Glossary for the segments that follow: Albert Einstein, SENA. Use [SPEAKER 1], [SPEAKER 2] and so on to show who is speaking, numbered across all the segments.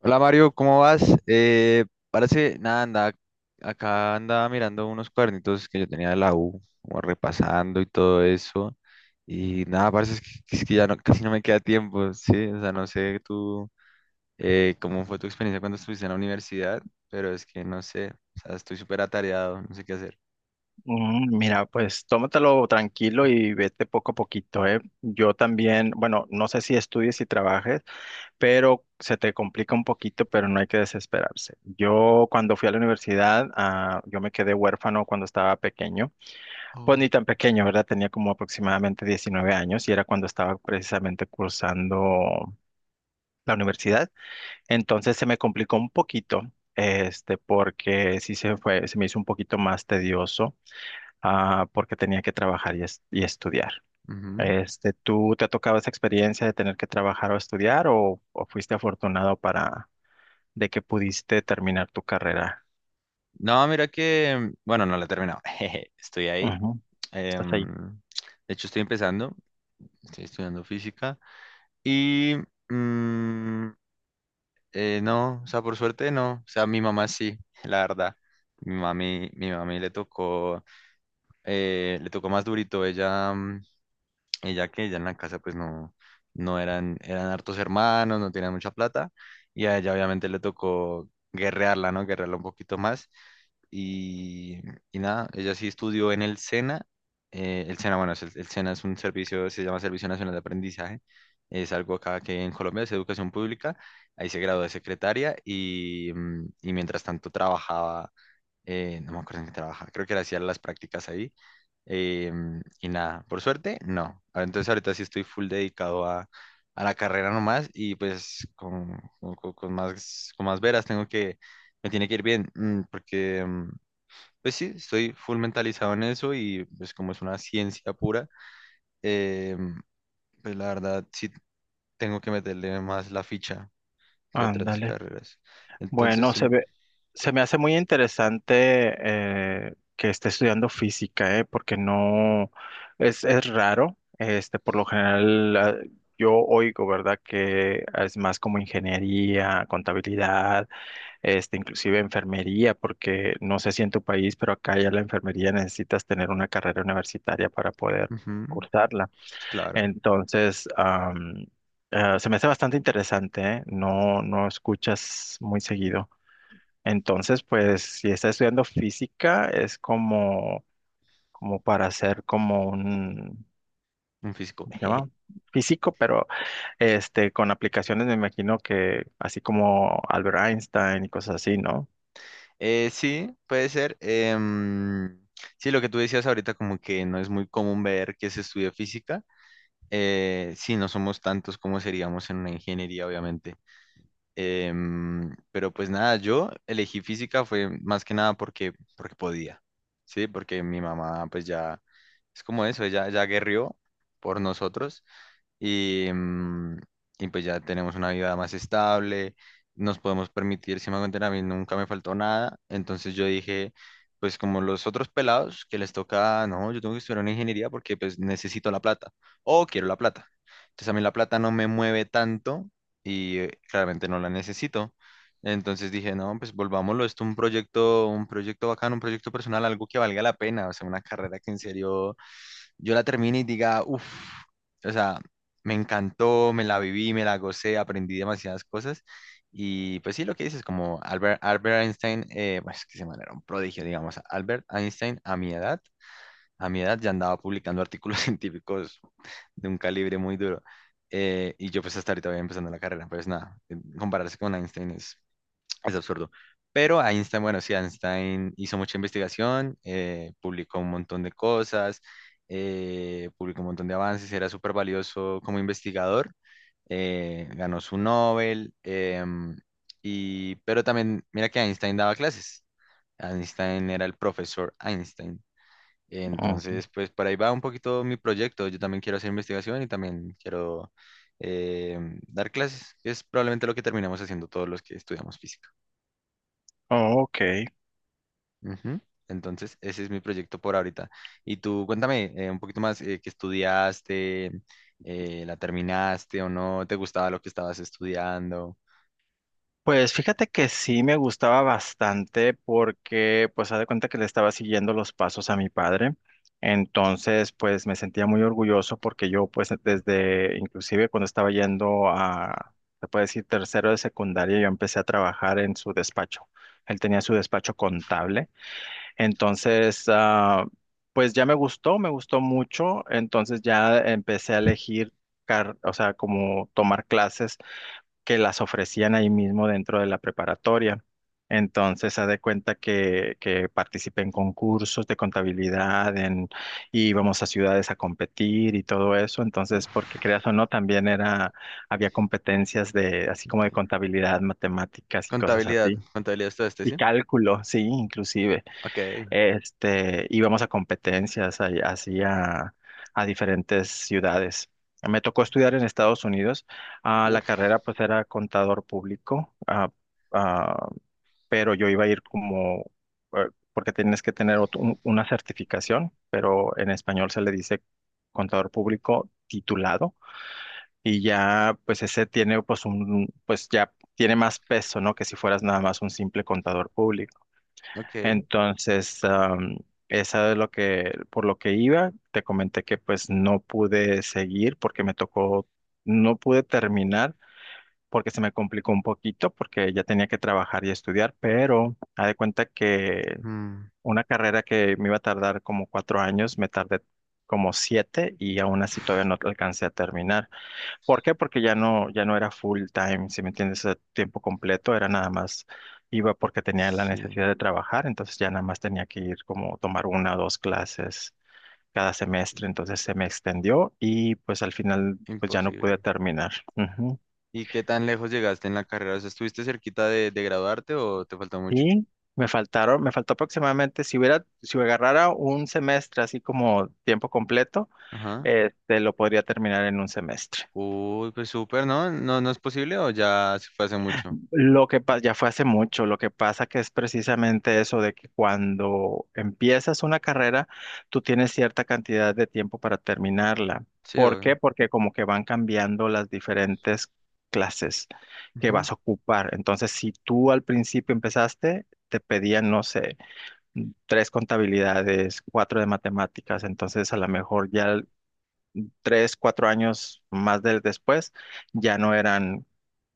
[SPEAKER 1] Hola Mario, ¿cómo vas? Parece, nada, anda, acá andaba mirando unos cuadernitos que yo tenía de la U, como repasando y todo eso. Y nada, parece es que ya no, casi no me queda tiempo, sí. O sea, no sé tú cómo fue tu experiencia cuando estuviste en la universidad, pero es que no sé, o sea, estoy súper atareado, no sé qué hacer.
[SPEAKER 2] Mira, pues tómatelo tranquilo y vete poco a poquito, ¿eh? Yo también, bueno, no sé si estudies y trabajes, pero se te complica un poquito, pero no hay que desesperarse. Yo cuando fui a la universidad, yo me quedé huérfano cuando estaba pequeño, pues
[SPEAKER 1] Oh.
[SPEAKER 2] ni tan pequeño, ¿verdad? Tenía como aproximadamente 19 años y era cuando estaba precisamente cursando la universidad. Entonces se me complicó un poquito. Porque sí se fue, se me hizo un poquito más tedioso, porque tenía que trabajar y estudiar.
[SPEAKER 1] Ujú.
[SPEAKER 2] ¿Tú te ha tocado esa experiencia de tener que trabajar o estudiar o fuiste afortunado para de que pudiste terminar tu carrera?
[SPEAKER 1] No, mira que, bueno, no la he terminado. Jeje, estoy ahí.
[SPEAKER 2] Ujú. Estás
[SPEAKER 1] em,
[SPEAKER 2] ahí.
[SPEAKER 1] de hecho, estoy empezando, estoy estudiando física. Y mm, no, o sea, por suerte no. O sea, mi mamá sí, la verdad. Mi mami le tocó más durito. Ella, y ya que ella en la casa pues no, eran hartos hermanos, no tenían mucha plata, y a ella obviamente le tocó guerrearla, ¿no? Guerrearla un poquito más. Y, y nada, ella sí estudió en el SENA. El SENA, bueno, el SENA es un servicio, se llama Servicio Nacional de Aprendizaje. Es algo acá que en Colombia es educación pública. Ahí se graduó de secretaria y, y mientras tanto trabajaba, no me acuerdo en qué trabajaba, creo que era hacía las prácticas ahí. Y nada, por suerte, no. Ah, entonces ahorita sí estoy full dedicado a la carrera nomás y pues con más, con más veras tengo que, me tiene que ir bien, porque pues sí, estoy full mentalizado en eso y pues como es una ciencia pura, em, pues la verdad sí tengo que meterle más la ficha que otras
[SPEAKER 2] Ándale.
[SPEAKER 1] carreras. Entonces,
[SPEAKER 2] Bueno,
[SPEAKER 1] sí,
[SPEAKER 2] se me hace muy interesante, que esté estudiando física, porque no es raro. Por lo general, yo oigo, ¿verdad? Que es más como ingeniería, contabilidad, inclusive enfermería, porque no sé si en tu país, pero acá ya la enfermería necesitas tener una carrera universitaria para poder
[SPEAKER 1] ujú,
[SPEAKER 2] cursarla.
[SPEAKER 1] sí, claro,
[SPEAKER 2] Entonces, se me hace bastante interesante, ¿eh? No, no escuchas muy seguido. Entonces, pues, si estás estudiando física, es como para hacer como un,
[SPEAKER 1] un físico.
[SPEAKER 2] ¿cómo se llama? Físico, pero con aplicaciones me imagino que así como Albert Einstein y cosas así, ¿no?
[SPEAKER 1] Sí, puede ser. Sí, lo que tú decías ahorita, como que no es muy común ver que se estudia física. Sí, no somos tantos como seríamos en una ingeniería, obviamente. Pero pues nada, yo elegí física fue más que nada porque, porque podía, ¿sí? Porque mi mamá pues ya es como eso, ella ya guerrió por nosotros y, y pues ya tenemos una vida más estable, nos podemos permitir, si me hago entender, a mí nunca me faltó nada, entonces yo dije, pues como los otros pelados que les toca, no, yo tengo que estudiar una ingeniería porque pues necesito la plata o quiero la plata. Entonces a mí la plata no me mueve tanto y claramente no la necesito. Entonces dije, no, pues volvámoslo, esto un proyecto bacano, un proyecto personal, algo que valga la pena, o sea, una carrera que en serio yo la termine y diga, uff, o sea, me encantó, me la viví, me la gocé, aprendí demasiadas cosas. Y pues sí, lo que dices, como Albert Einstein, pues que se manera un prodigio, digamos. Albert Einstein, a mi edad ya andaba publicando artículos científicos de un calibre muy duro. Y yo pues hasta ahorita voy empezando la carrera, pues nada, compararse con Einstein es absurdo. Pero Einstein, bueno, sí, Einstein hizo mucha investigación, publicó un montón de cosas, publicó un montón de avances, era súper valioso como investigador, ganó su Nobel, y, pero también, mira que Einstein daba clases. Einstein era el profesor Einstein.
[SPEAKER 2] Ujú.
[SPEAKER 1] Entonces, pues por ahí va un poquito mi proyecto. Yo también quiero hacer investigación y también quiero dar clases, que es probablemente lo que terminamos haciendo todos los que estudiamos física.
[SPEAKER 2] Oh, ok.
[SPEAKER 1] Ujú. Entonces, ese es mi proyecto por ahorita. Y tú, cuéntame un poquito más, ¿qué estudiaste? ¿La terminaste o no? ¿Te gustaba lo que estabas estudiando?
[SPEAKER 2] Pues fíjate que sí me gustaba bastante porque pues haz de cuenta que le estaba siguiendo los pasos a mi padre. Entonces pues me sentía muy orgulloso porque yo pues desde inclusive cuando estaba yendo a, se puede decir, tercero de secundaria, yo empecé a trabajar en su despacho. Él tenía su despacho contable. Entonces, pues ya me gustó mucho. Entonces ya empecé a elegir, o sea, como tomar clases que las ofrecían ahí mismo dentro de la preparatoria. Entonces, haz de cuenta que participé en concursos de contabilidad, en, y íbamos a ciudades a competir y todo eso. Entonces, porque
[SPEAKER 1] Uf,
[SPEAKER 2] creas o no, también era, había competencias de, así como de
[SPEAKER 1] ok.
[SPEAKER 2] contabilidad, matemáticas y cosas
[SPEAKER 1] Contabilidad,
[SPEAKER 2] así.
[SPEAKER 1] contabilidad estudiaste,
[SPEAKER 2] Y
[SPEAKER 1] ¿sí?
[SPEAKER 2] cálculo, sí, inclusive.
[SPEAKER 1] Ok,
[SPEAKER 2] Íbamos a competencias así a diferentes ciudades. Me tocó estudiar en Estados Unidos. Ah, la
[SPEAKER 1] uf,
[SPEAKER 2] carrera pues era contador público, ah, pero yo iba a ir como, porque tienes que tener una certificación, pero en español se le dice contador público titulado y ya pues ese tiene pues un, pues ya tiene más peso, ¿no? Que si fueras nada más un simple contador público.
[SPEAKER 1] ok.
[SPEAKER 2] Entonces, esa es lo que, por lo que iba, te comenté que pues no pude seguir porque me tocó, no pude terminar porque se me complicó un poquito porque ya tenía que trabajar y estudiar, pero haz de cuenta que
[SPEAKER 1] Mm,
[SPEAKER 2] una carrera que me iba a tardar como 4 años, me tardé como siete y aún así todavía no alcancé a terminar. ¿Por qué? Porque ya no era full time, si me entiendes, a tiempo completo, era nada más, iba porque tenía la
[SPEAKER 1] sí,
[SPEAKER 2] necesidad de trabajar, entonces ya nada más tenía que ir como tomar una o dos clases cada semestre, entonces se me extendió y pues al final pues ya no
[SPEAKER 1] imposible.
[SPEAKER 2] pude terminar. Ujú.
[SPEAKER 1] ¿Y qué tan lejos llegaste en la carrera? O sea, ¿estuviste cerquita de graduarte o te faltó mucho?
[SPEAKER 2] Y me faltó aproximadamente, si agarrara un semestre así como tiempo completo,
[SPEAKER 1] Ajá.
[SPEAKER 2] lo podría terminar en un semestre.
[SPEAKER 1] Uy, pues súper, ¿no? ¿No, no es posible o ya se fue hace mucho?
[SPEAKER 2] Lo que pasa, ya fue hace mucho, lo que pasa que es precisamente eso de que cuando empiezas una carrera, tú tienes cierta cantidad de tiempo para terminarla.
[SPEAKER 1] Sí,
[SPEAKER 2] ¿Por
[SPEAKER 1] obvio.
[SPEAKER 2] qué? Porque como que van cambiando las diferentes clases que
[SPEAKER 1] Ujú,
[SPEAKER 2] vas a ocupar. Entonces, si tú al principio empezaste, te pedían, no sé, tres contabilidades, cuatro de matemáticas, entonces a lo mejor ya tres, cuatro años más del después ya no eran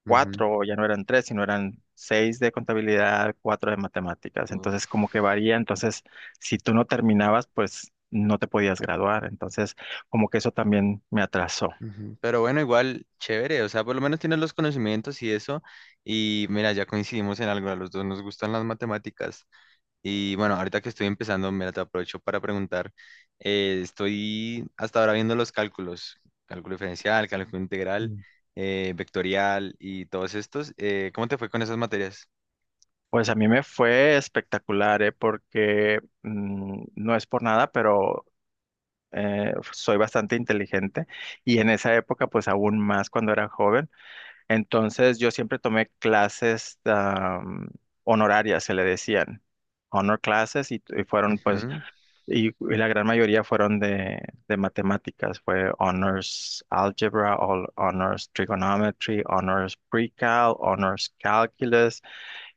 [SPEAKER 1] ujú.
[SPEAKER 2] cuatro, ya no eran tres, sino eran seis de contabilidad, cuatro de matemáticas.
[SPEAKER 1] Uf.
[SPEAKER 2] Entonces, como que varía. Entonces, si tú no terminabas, pues no te podías graduar. Entonces, como que eso también me atrasó.
[SPEAKER 1] Ujú. Pero bueno, igual, chévere, o sea, por lo menos tienes los conocimientos y eso, y mira, ya coincidimos en algo, a los dos nos gustan las matemáticas, y bueno, ahorita que estoy empezando, mira, te aprovecho para preguntar, estoy hasta ahora viendo los cálculos, cálculo diferencial, cálculo integral,
[SPEAKER 2] Mm.
[SPEAKER 1] vectorial y todos estos, ¿cómo te fue con esas materias?
[SPEAKER 2] Pues a mí me fue espectacular, ¿eh? Porque no es por nada, pero soy bastante inteligente y en esa época, pues aún más cuando era joven. Entonces yo siempre tomé clases, honorarias, se le decían, honor classes, y fueron pues,
[SPEAKER 1] Ujú,
[SPEAKER 2] y la gran mayoría fueron de matemáticas, fue honors algebra, honors trigonometry, honors pre-cal, honors calculus,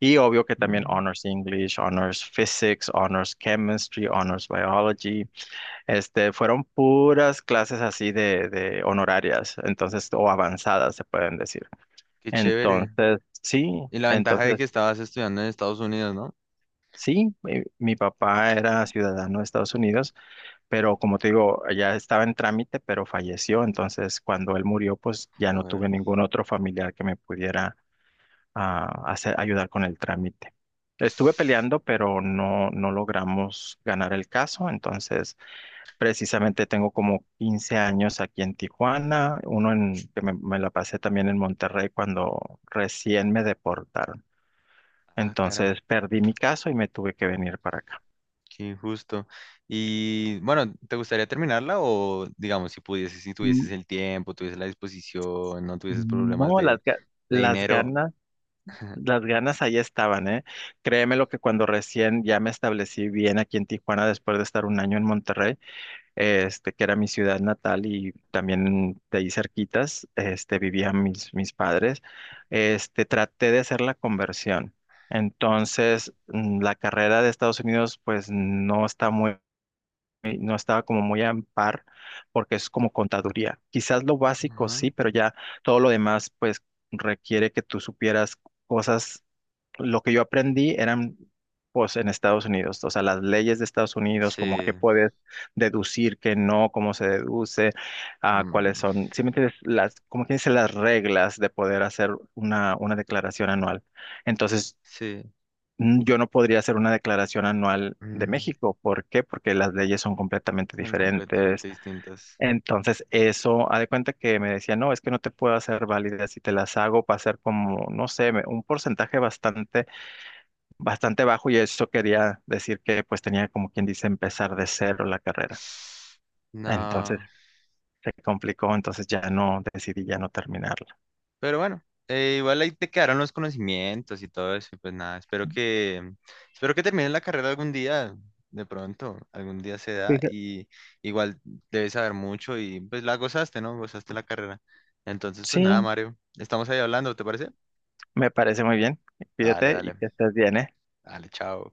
[SPEAKER 2] y obvio que también
[SPEAKER 1] mm,
[SPEAKER 2] honors English, honors physics, honors chemistry, honors biology, fueron puras clases así de honorarias, entonces, o avanzadas se pueden decir.
[SPEAKER 1] qué chévere,
[SPEAKER 2] Entonces, sí.
[SPEAKER 1] y la ventaja de
[SPEAKER 2] Entonces,
[SPEAKER 1] que estabas estudiando en Estados Unidos, ¿no?
[SPEAKER 2] sí, mi papá era ciudadano de Estados Unidos, pero como te digo, ya estaba en trámite, pero falleció. Entonces, cuando él murió, pues ya no
[SPEAKER 1] Joder,
[SPEAKER 2] tuve ningún otro familiar que me pudiera hacer, ayudar con el trámite. Estuve peleando, pero no, no logramos ganar el caso. Entonces, precisamente tengo como 15 años aquí en Tijuana, uno en, que me la pasé también en Monterrey cuando recién me deportaron.
[SPEAKER 1] ah, caray.
[SPEAKER 2] Entonces perdí mi caso y me tuve que venir para acá.
[SPEAKER 1] Qué injusto. Y bueno, ¿te gustaría terminarla o digamos si pudieses, si tuvieses
[SPEAKER 2] Mm,
[SPEAKER 1] el tiempo, tuvieses la disposición, no tuvieses problemas
[SPEAKER 2] No,
[SPEAKER 1] de
[SPEAKER 2] las
[SPEAKER 1] dinero?
[SPEAKER 2] ganas, las ganas ahí estaban, ¿eh? Créeme lo que cuando recién ya me establecí bien aquí en Tijuana, después de estar un año en Monterrey, que era mi ciudad natal y también de ahí cerquitas, vivían mis padres, traté de hacer la conversión. Entonces, la carrera de Estados Unidos, pues no estaba como muy a par porque es como contaduría. Quizás lo básico sí,
[SPEAKER 1] Ajá.
[SPEAKER 2] pero ya todo lo demás pues requiere que tú supieras cosas. Lo que yo aprendí eran pues en Estados Unidos, o sea, las leyes de Estados Unidos, como qué
[SPEAKER 1] Sí,
[SPEAKER 2] puedes deducir, qué no, cómo se deduce, cuáles
[SPEAKER 1] mm,
[SPEAKER 2] son, si me entiendes, las, como que dice, las reglas de poder hacer una declaración anual. Entonces,
[SPEAKER 1] sí,
[SPEAKER 2] yo no podría hacer una declaración anual de
[SPEAKER 1] mm,
[SPEAKER 2] México. ¿Por qué? Porque las leyes son completamente
[SPEAKER 1] son completamente
[SPEAKER 2] diferentes.
[SPEAKER 1] distintas.
[SPEAKER 2] Entonces, eso, haz de cuenta que me decía, no, es que no te puedo hacer válida. Si te las hago, va a ser como, no sé, un porcentaje bastante, bastante bajo. Y eso quería decir que, pues, tenía como quien dice empezar de cero la carrera. Entonces,
[SPEAKER 1] No.
[SPEAKER 2] se complicó. Entonces, decidí ya no terminarla.
[SPEAKER 1] Pero bueno, igual ahí te quedaron los conocimientos y todo eso, y pues nada, espero que termines la carrera algún día, de pronto, algún día se da,
[SPEAKER 2] Fija-
[SPEAKER 1] y igual debes saber mucho y pues la gozaste, ¿no? Gozaste la carrera. Entonces, pues
[SPEAKER 2] Sí,
[SPEAKER 1] nada, Mario, estamos ahí hablando, ¿te parece?
[SPEAKER 2] me parece muy bien.
[SPEAKER 1] Dale,
[SPEAKER 2] Cuídate y
[SPEAKER 1] dale,
[SPEAKER 2] que estés bien, ¿eh?
[SPEAKER 1] dale, chao.